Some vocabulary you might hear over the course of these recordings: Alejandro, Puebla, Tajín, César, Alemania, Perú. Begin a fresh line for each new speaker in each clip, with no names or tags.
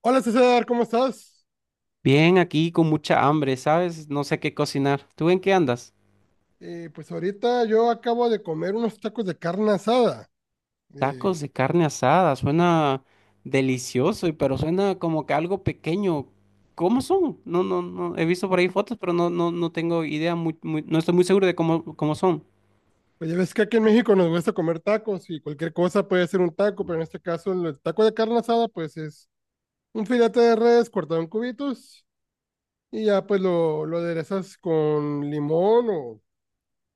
Hola César, ¿cómo estás?
Bien, aquí con mucha hambre, ¿sabes? No sé qué cocinar. ¿Tú en qué andas?
Pues ahorita yo acabo de comer unos tacos de carne asada. Eh,
Tacos de carne asada, suena delicioso, pero suena como que algo pequeño. ¿Cómo son? No, no, no, he visto por ahí fotos, pero no, no, no tengo idea, no estoy muy seguro de cómo son.
pues ya ves que aquí en México nos gusta comer tacos y cualquier cosa puede ser un taco, pero en este caso el taco de carne asada pues es un filete de res cortado en cubitos y ya pues lo aderezas con limón o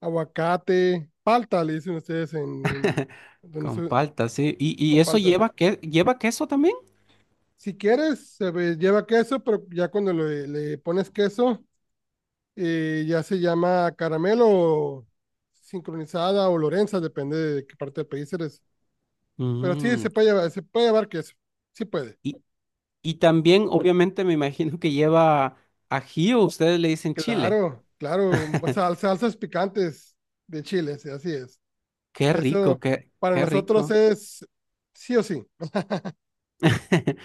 aguacate, palta le dicen ustedes donde
Con
se-
palta, sí. Y
con
eso
palta.
lleva, que, lleva queso también?
Si quieres, lleva queso, pero ya cuando le pones queso ya se llama caramelo sincronizada o Lorenza, depende de qué parte del país eres. Pero sí,
Mm.
se puede llevar queso. Sí puede.
Y, y también, obviamente, me imagino que lleva ají o ustedes le dicen chile.
Claro, claro. Salsas picantes de chiles, así es.
Qué
Eso
rico,
para
qué
nosotros
rico.
es sí o sí.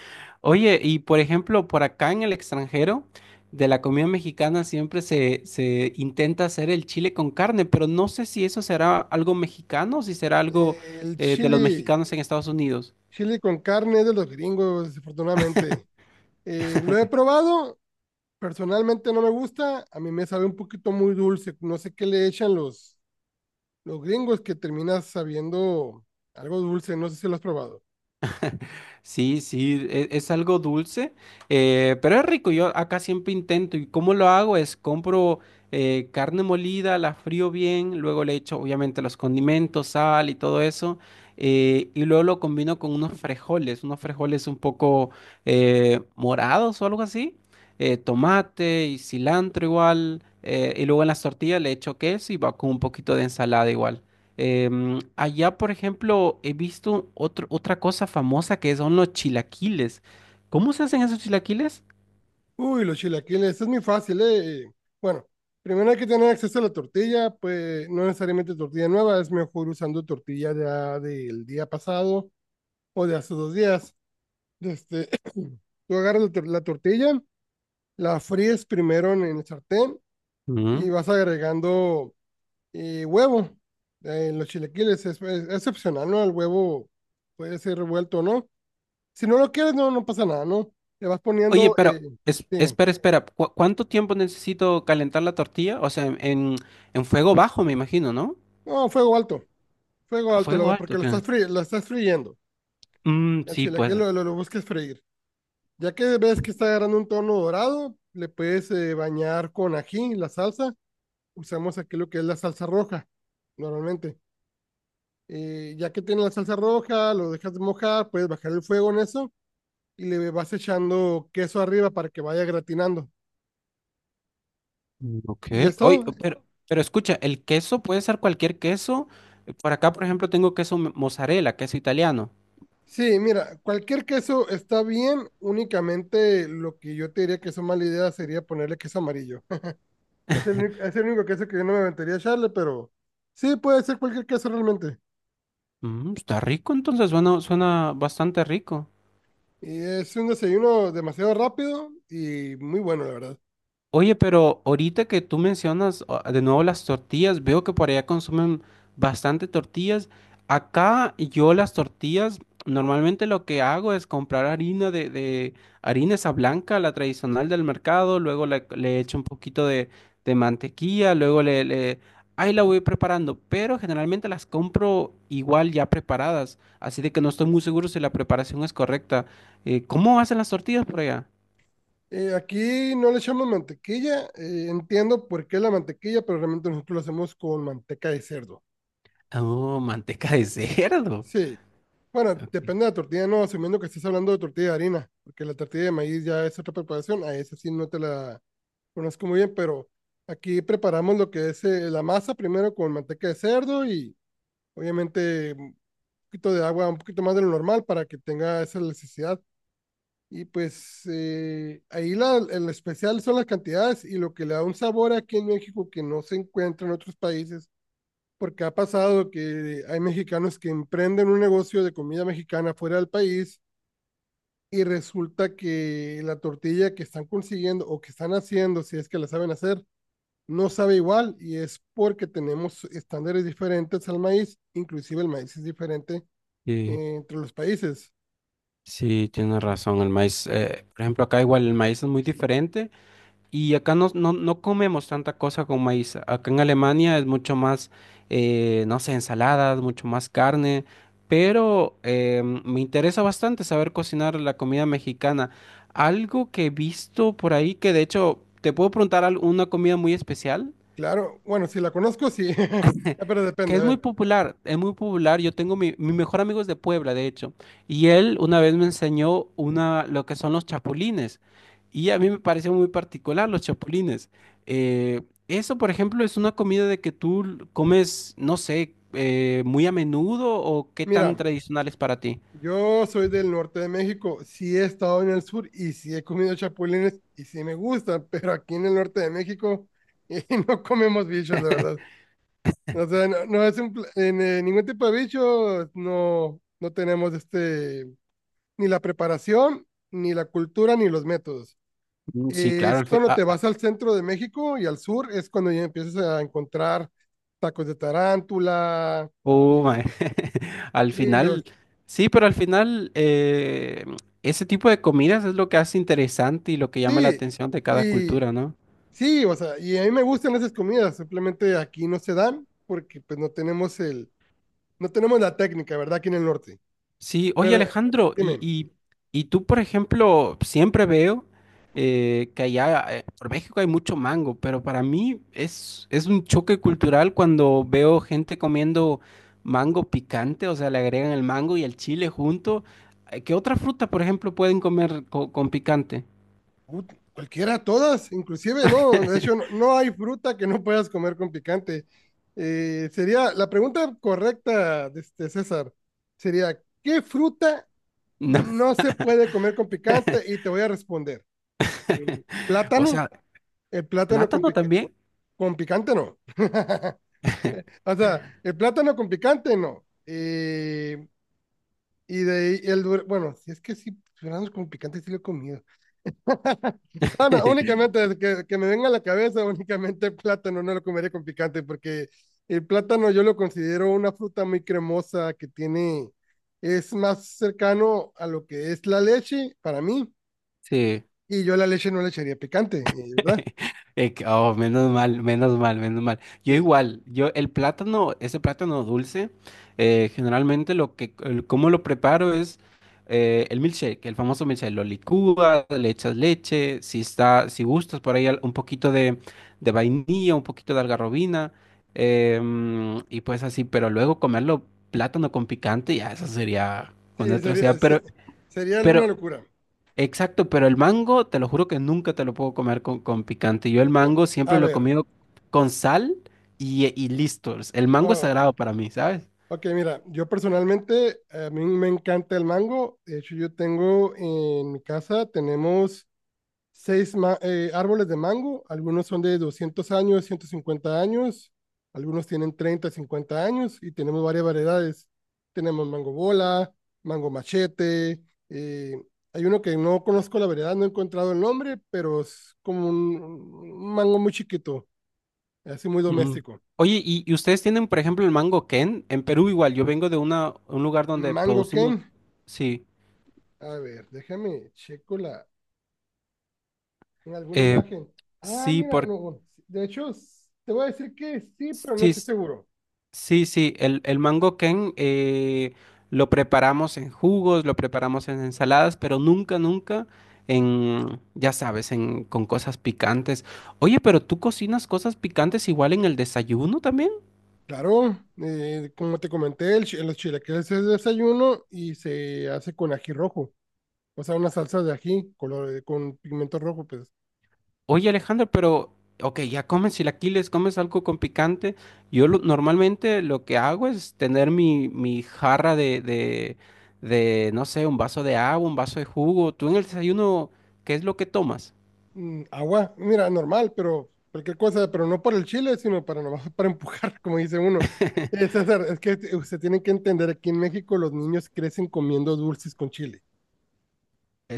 Oye, y por ejemplo, por acá en el extranjero, de la comida mexicana siempre se intenta hacer el chile con carne, pero no sé si eso será algo mexicano o si será algo
Eh, el
de los
chili,
mexicanos en Estados Unidos.
Chili con carne es de los gringos, desafortunadamente. Lo he probado, personalmente no me gusta. A mí me sabe un poquito muy dulce. No sé qué le echan los gringos que terminas sabiendo algo dulce, no sé si lo has probado.
Sí, sí, es algo dulce, pero es rico. Yo acá siempre intento. ¿Y cómo lo hago? Es compro carne molida, la frío bien, luego le echo obviamente los condimentos, sal y todo eso, y luego lo combino con unos frijoles un poco morados o algo así, tomate y cilantro igual, y luego en las tortillas le echo queso y va con un poquito de ensalada igual. Allá, por ejemplo, he visto otra cosa famosa que son los chilaquiles. ¿Cómo se hacen esos chilaquiles?
Uy, los chilaquiles, es muy fácil, ¿eh? Bueno, primero hay que tener acceso a la tortilla, pues no necesariamente tortilla nueva, es mejor usando tortilla ya del día pasado o de hace 2 días. Este, Tú agarras la tortilla, la fríes primero en el sartén y
Mm.
vas agregando huevo. Los chilaquiles es, es opcional, ¿no? El huevo puede ser revuelto o no. Si no lo quieres, no, no pasa nada, ¿no? Le vas
Oye,
poniendo,
pero
bien.
espera, espera. Cuánto tiempo necesito calentar la tortilla? O sea, en fuego bajo, me imagino, ¿no?
No, fuego
¿A
alto,
fuego
porque
alto,
lo estás,
qué?
lo estás friendo.
Mm,
El
sí, pues.
chilaquil lo busques freír. Ya que ves que está agarrando un tono dorado, le puedes bañar con ají, la salsa. Usamos aquí lo que es la salsa roja, normalmente. Ya que tiene la salsa roja, lo dejas mojar, puedes bajar el fuego en eso y le vas echando queso arriba para que vaya gratinando.
Mm, ok.
Y ya es
Oye,
todo,
pero escucha, el queso puede ser cualquier queso. Por acá, por ejemplo, tengo queso mozzarella, queso italiano.
Sí, mira, cualquier queso está bien, únicamente lo que yo te diría que es una mala idea sería ponerle queso amarillo. Es es el único queso que yo no me aventaría a echarle, pero sí, puede ser cualquier queso realmente.
Mm, está rico, entonces suena, suena bastante rico.
Y es un desayuno demasiado rápido y muy bueno, la verdad.
Oye, pero ahorita que tú mencionas ah, de nuevo las tortillas, veo que por allá consumen bastante tortillas. Acá yo las tortillas, normalmente lo que hago es comprar harina de harina esa blanca, la tradicional del mercado, luego le echo un poquito de mantequilla, luego ahí la voy preparando, pero generalmente las compro igual ya preparadas, así de que no estoy muy seguro si la preparación es correcta. ¿Cómo hacen las tortillas por allá?
Aquí no le echamos mantequilla, entiendo por qué la mantequilla, pero realmente nosotros lo hacemos con manteca de cerdo.
Oh, manteca de
Sí,
cerdo.
sí. Bueno, depende de la tortilla, no, asumiendo que estés hablando de tortilla de harina, porque la tortilla de maíz ya es otra preparación, a esa sí no te la conozco muy bien, pero aquí preparamos lo que es la masa primero con manteca de cerdo y obviamente un poquito de agua, un poquito más de lo normal para que tenga esa elasticidad. Y pues ahí el especial son las cantidades y lo que le da un sabor aquí en México que no se encuentra en otros países, porque ha pasado que hay mexicanos que emprenden un negocio de comida mexicana fuera del país y resulta que la tortilla que están consiguiendo o que están haciendo, si es que la saben hacer, no sabe igual y es porque tenemos estándares diferentes al maíz, inclusive el maíz es diferente
Sí,
entre los países.
sí, tienes razón. El maíz, por ejemplo, acá igual el maíz es muy diferente y acá no, no, no comemos tanta cosa con maíz. Acá en Alemania es mucho más, no sé, ensaladas, mucho más carne, pero me interesa bastante saber cocinar la comida mexicana. Algo que he visto por ahí que de hecho, ¿te puedo preguntar una comida muy especial?
Claro, bueno, si la conozco, sí, pero
Que
depende, a
es muy
ver,
popular, es muy popular. Yo tengo mi mejor amigo es de Puebla, de hecho, y él una vez me enseñó una, lo que son los chapulines, y a mí me pareció muy particular los chapulines. Eh, eso, por ejemplo, es una comida de que tú comes, no sé, muy a menudo o qué tan
mira,
tradicional es para ti.
yo soy del norte de México, sí he estado en el sur y sí he comido chapulines y sí me gustan, pero aquí en el norte de México no comemos bichos, la verdad. O sea, no, no es un, pl- en ningún tipo de bicho, no, no tenemos ni la preparación, ni la cultura, ni los métodos.
Mm, sí, claro,
Es
al,
cuando
ah,
te
ah,
vas al centro de México y al sur, es cuando ya empiezas a encontrar tacos de tarántula, y
oh, my. Al
grillos.
final, sí, pero al final ese tipo de comidas es lo que hace interesante y lo que llama la
Sí,
atención de cada
y
cultura, ¿no?
sí, o sea, y a mí me gustan esas comidas, simplemente aquí no se dan porque pues no tenemos el, no tenemos la técnica, ¿verdad? Aquí en el norte.
Sí, oye
Pero
Alejandro,
dime.
y tú, por ejemplo, siempre veo que allá por México hay mucho mango, pero para mí es un choque cultural cuando veo gente comiendo mango picante, o sea, le agregan el mango y el chile junto. ¿Qué otra fruta, por ejemplo, pueden comer con picante?
Cualquiera, todas, inclusive, ¿no? De hecho, no, no hay fruta que no puedas comer con picante. Sería la pregunta correcta de este César, sería, ¿qué fruta
No.
no se puede comer con picante? Y te voy a responder, el
O
plátano,
sea,
el plátano
plátano también.
con picante no. O sea, el plátano con picante no. Y de ahí bueno, si es que sí, duraznos con picante sí lo he comido. No, no, únicamente que me venga a la cabeza, únicamente el plátano, no lo comería con picante, porque el plátano yo lo considero una fruta muy cremosa que tiene, es más cercano a lo que es la leche para mí,
Sí.
y yo a la leche no le echaría picante, ¿verdad?
Oh, menos mal, menos mal, menos mal. Yo
Sí,
igual, yo el plátano, ese plátano dulce, generalmente lo que, cómo lo preparo es el milkshake, el famoso milkshake. Lo licúas, le echas leche, si está, si gustas por ahí un poquito de vainilla, un poquito de algarrobina, y pues así. Pero luego comerlo plátano con picante, ya eso sería una
sí,
atrocidad. Pero,
sería una
pero
locura.
exacto, pero el mango, te lo juro que nunca te lo puedo comer con picante. Yo el mango
A
siempre lo he
ver,
comido con sal y listo. El mango es
oh,
sagrado para mí, ¿sabes?
ok, mira, yo personalmente, a mí me encanta el mango, de hecho yo tengo en mi casa, tenemos árboles de mango, algunos son de 200 años, 150 años, algunos tienen 30, 50 años y tenemos varias variedades. Tenemos mango bola, mango machete, eh, hay uno que no conozco la variedad, no he encontrado el nombre, pero es como un mango muy chiquito, así muy
Mm.
doméstico.
Oye, y ustedes tienen, por ejemplo, el mango Ken? En Perú igual, yo vengo de una, un lugar donde
Mango Ken,
producimos... Sí,
a ver, déjame checo en alguna
eh,
imagen. Ah,
sí,
mira,
por...
no, de hecho, te voy a decir que sí, pero no
sí,
estoy seguro.
sí, sí, el mango ken lo preparamos en jugos, lo preparamos en ensaladas, pero nunca, nunca en, ya sabes, en, con cosas picantes. Oye, pero tú cocinas cosas picantes igual en el desayuno también.
Claro, como te comenté, los chilaquiles es desayuno y se hace con ají rojo, o sea, una salsa de ají color, con pigmento rojo, pues
Oye, Alejandro, pero, ok, ya comes chilaquiles, comes algo con picante. Normalmente lo que hago es tener mi jarra de no sé, un vaso de agua, un vaso de jugo. ¿Tú en el desayuno qué es lo que tomas?
agua, mira, normal, pero cualquier cosa, pero no por el chile, sino para nomás para empujar, como dice uno. César, es que usted tiene que entender, aquí en México los niños crecen comiendo dulces con chile,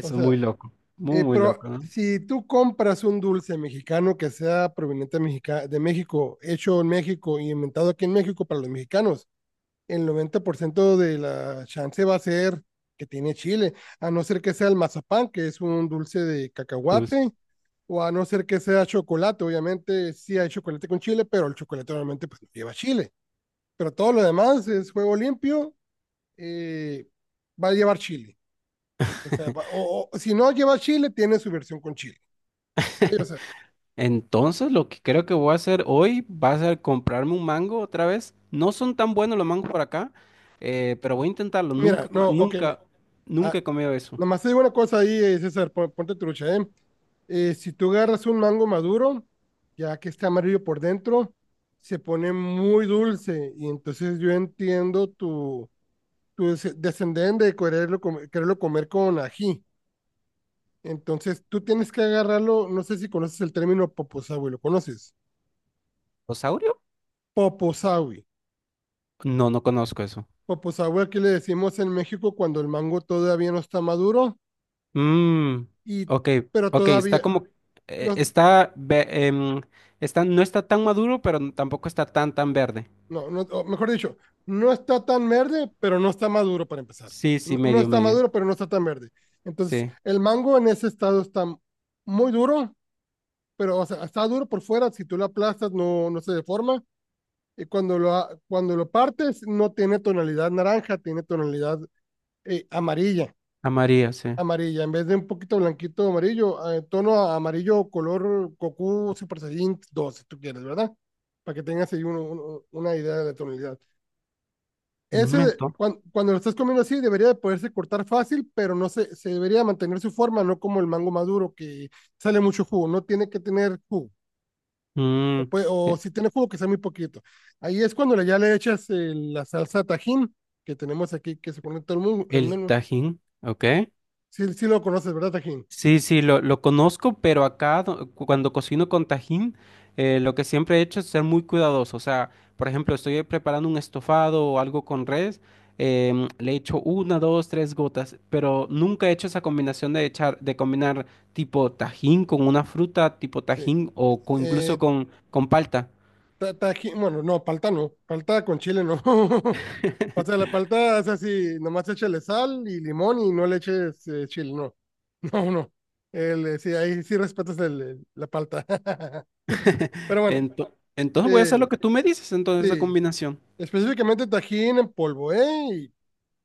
o
es muy
sea,
loco, muy loco,
pero
¿no?
si tú compras un dulce mexicano que sea proveniente de de México, hecho en México y inventado aquí en México para los mexicanos, el 90% de la chance va a ser que tiene chile, a no ser que sea el mazapán, que es un dulce de
Tus-
cacahuate, o a no ser que sea chocolate, obviamente sí hay chocolate con chile, pero el chocolate normalmente pues no lleva chile, pero todo lo demás es juego limpio, eh, va a llevar chile, o sea, o si no lleva chile, tiene su versión con chile. O sea,
Entonces, lo que creo que voy a hacer hoy va a ser comprarme un mango otra vez. No son tan buenos los mangos por acá, pero voy a intentarlo.
mira,
Nunca, co-
no, ok, mi-
nunca,
a-
Nunca he comido eso.
Nomás te digo una cosa ahí, César, ponte trucha, ¿eh? Si tú agarras un mango maduro, ya que está amarillo por dentro, se pone muy dulce y entonces yo entiendo tu descendén de quererlo, quererlo comer con ají. Entonces tú tienes que agarrarlo, no sé si conoces el término poposawi, ¿lo conoces?
¿Osaurio?
Poposawi.
No, no conozco eso.
Poposawi aquí le decimos en México cuando el mango todavía no está maduro,
Mmm,
y,
ok,
pero
ok, está
todavía,
como,
no.
está, está, no está tan maduro, pero tampoco está tan, tan verde.
No, no, o mejor dicho, no está tan verde, pero no está maduro para empezar.
Sí, sí,
No, no
medio,
está
medio.
maduro, pero no está tan verde. Entonces,
Sí,
el mango en ese estado está muy duro, pero o sea, está duro por fuera, si tú lo aplastas no, no se deforma. Y cuando lo partes, no tiene tonalidad naranja, tiene tonalidad amarilla,
amarillo, sí.
amarilla, en vez de un poquito blanquito amarillo, tono amarillo color Goku Super Saiyan 2, si tú quieres, ¿verdad? Para que tengas ahí uno, uno, una idea de la tonalidad.
Un
Ese, de-
momento.
cuan- cuando, lo estás comiendo así, debería de poderse cortar fácil, pero no se debería mantener su forma, no como el mango maduro que sale mucho jugo, no tiene que tener jugo,
Mm.
o si tiene jugo que sea muy poquito. Ahí es cuando ya le echas la salsa Tajín que tenemos aquí, que se pone todo el mundo. No,
El
no,
tajín, ¿ok?
sí, sí lo conoces, ¿verdad, Tajín?
Sí, sí, lo conozco, pero acá cuando cocino con tajín, lo que siempre he hecho es ser muy cuidadoso. O sea, por ejemplo, estoy preparando un estofado o algo con res, le echo una, dos, tres gotas, pero nunca he hecho esa combinación de echar, de combinar tipo tajín con una fruta, tipo
Sí.
tajín o incluso
Eh,
con palta.
Tajín, bueno, no, palta no, palta con chile no. O sea, la palta es así, nomás échale sal y limón y no le eches chile, no. No, no. Sí, ahí sí respetas el, la palta. Pero bueno,
Entonces voy a hacer
eh,
lo que tú me dices, entonces esa
sí,
combinación.
específicamente tajín en polvo, ¿eh?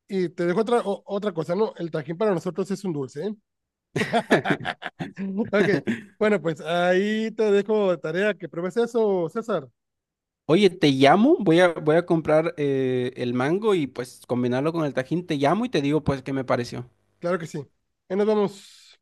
Y te dejo otra cosa, ¿no? El tajín para nosotros sí es un dulce, ¿eh? Ok, bueno, pues ahí te dejo de tarea que pruebes eso, César.
Oye, te llamo, voy a comprar el mango y pues combinarlo con el tajín, te llamo y te digo pues qué me pareció.
Claro que sí. Ahí nos vamos.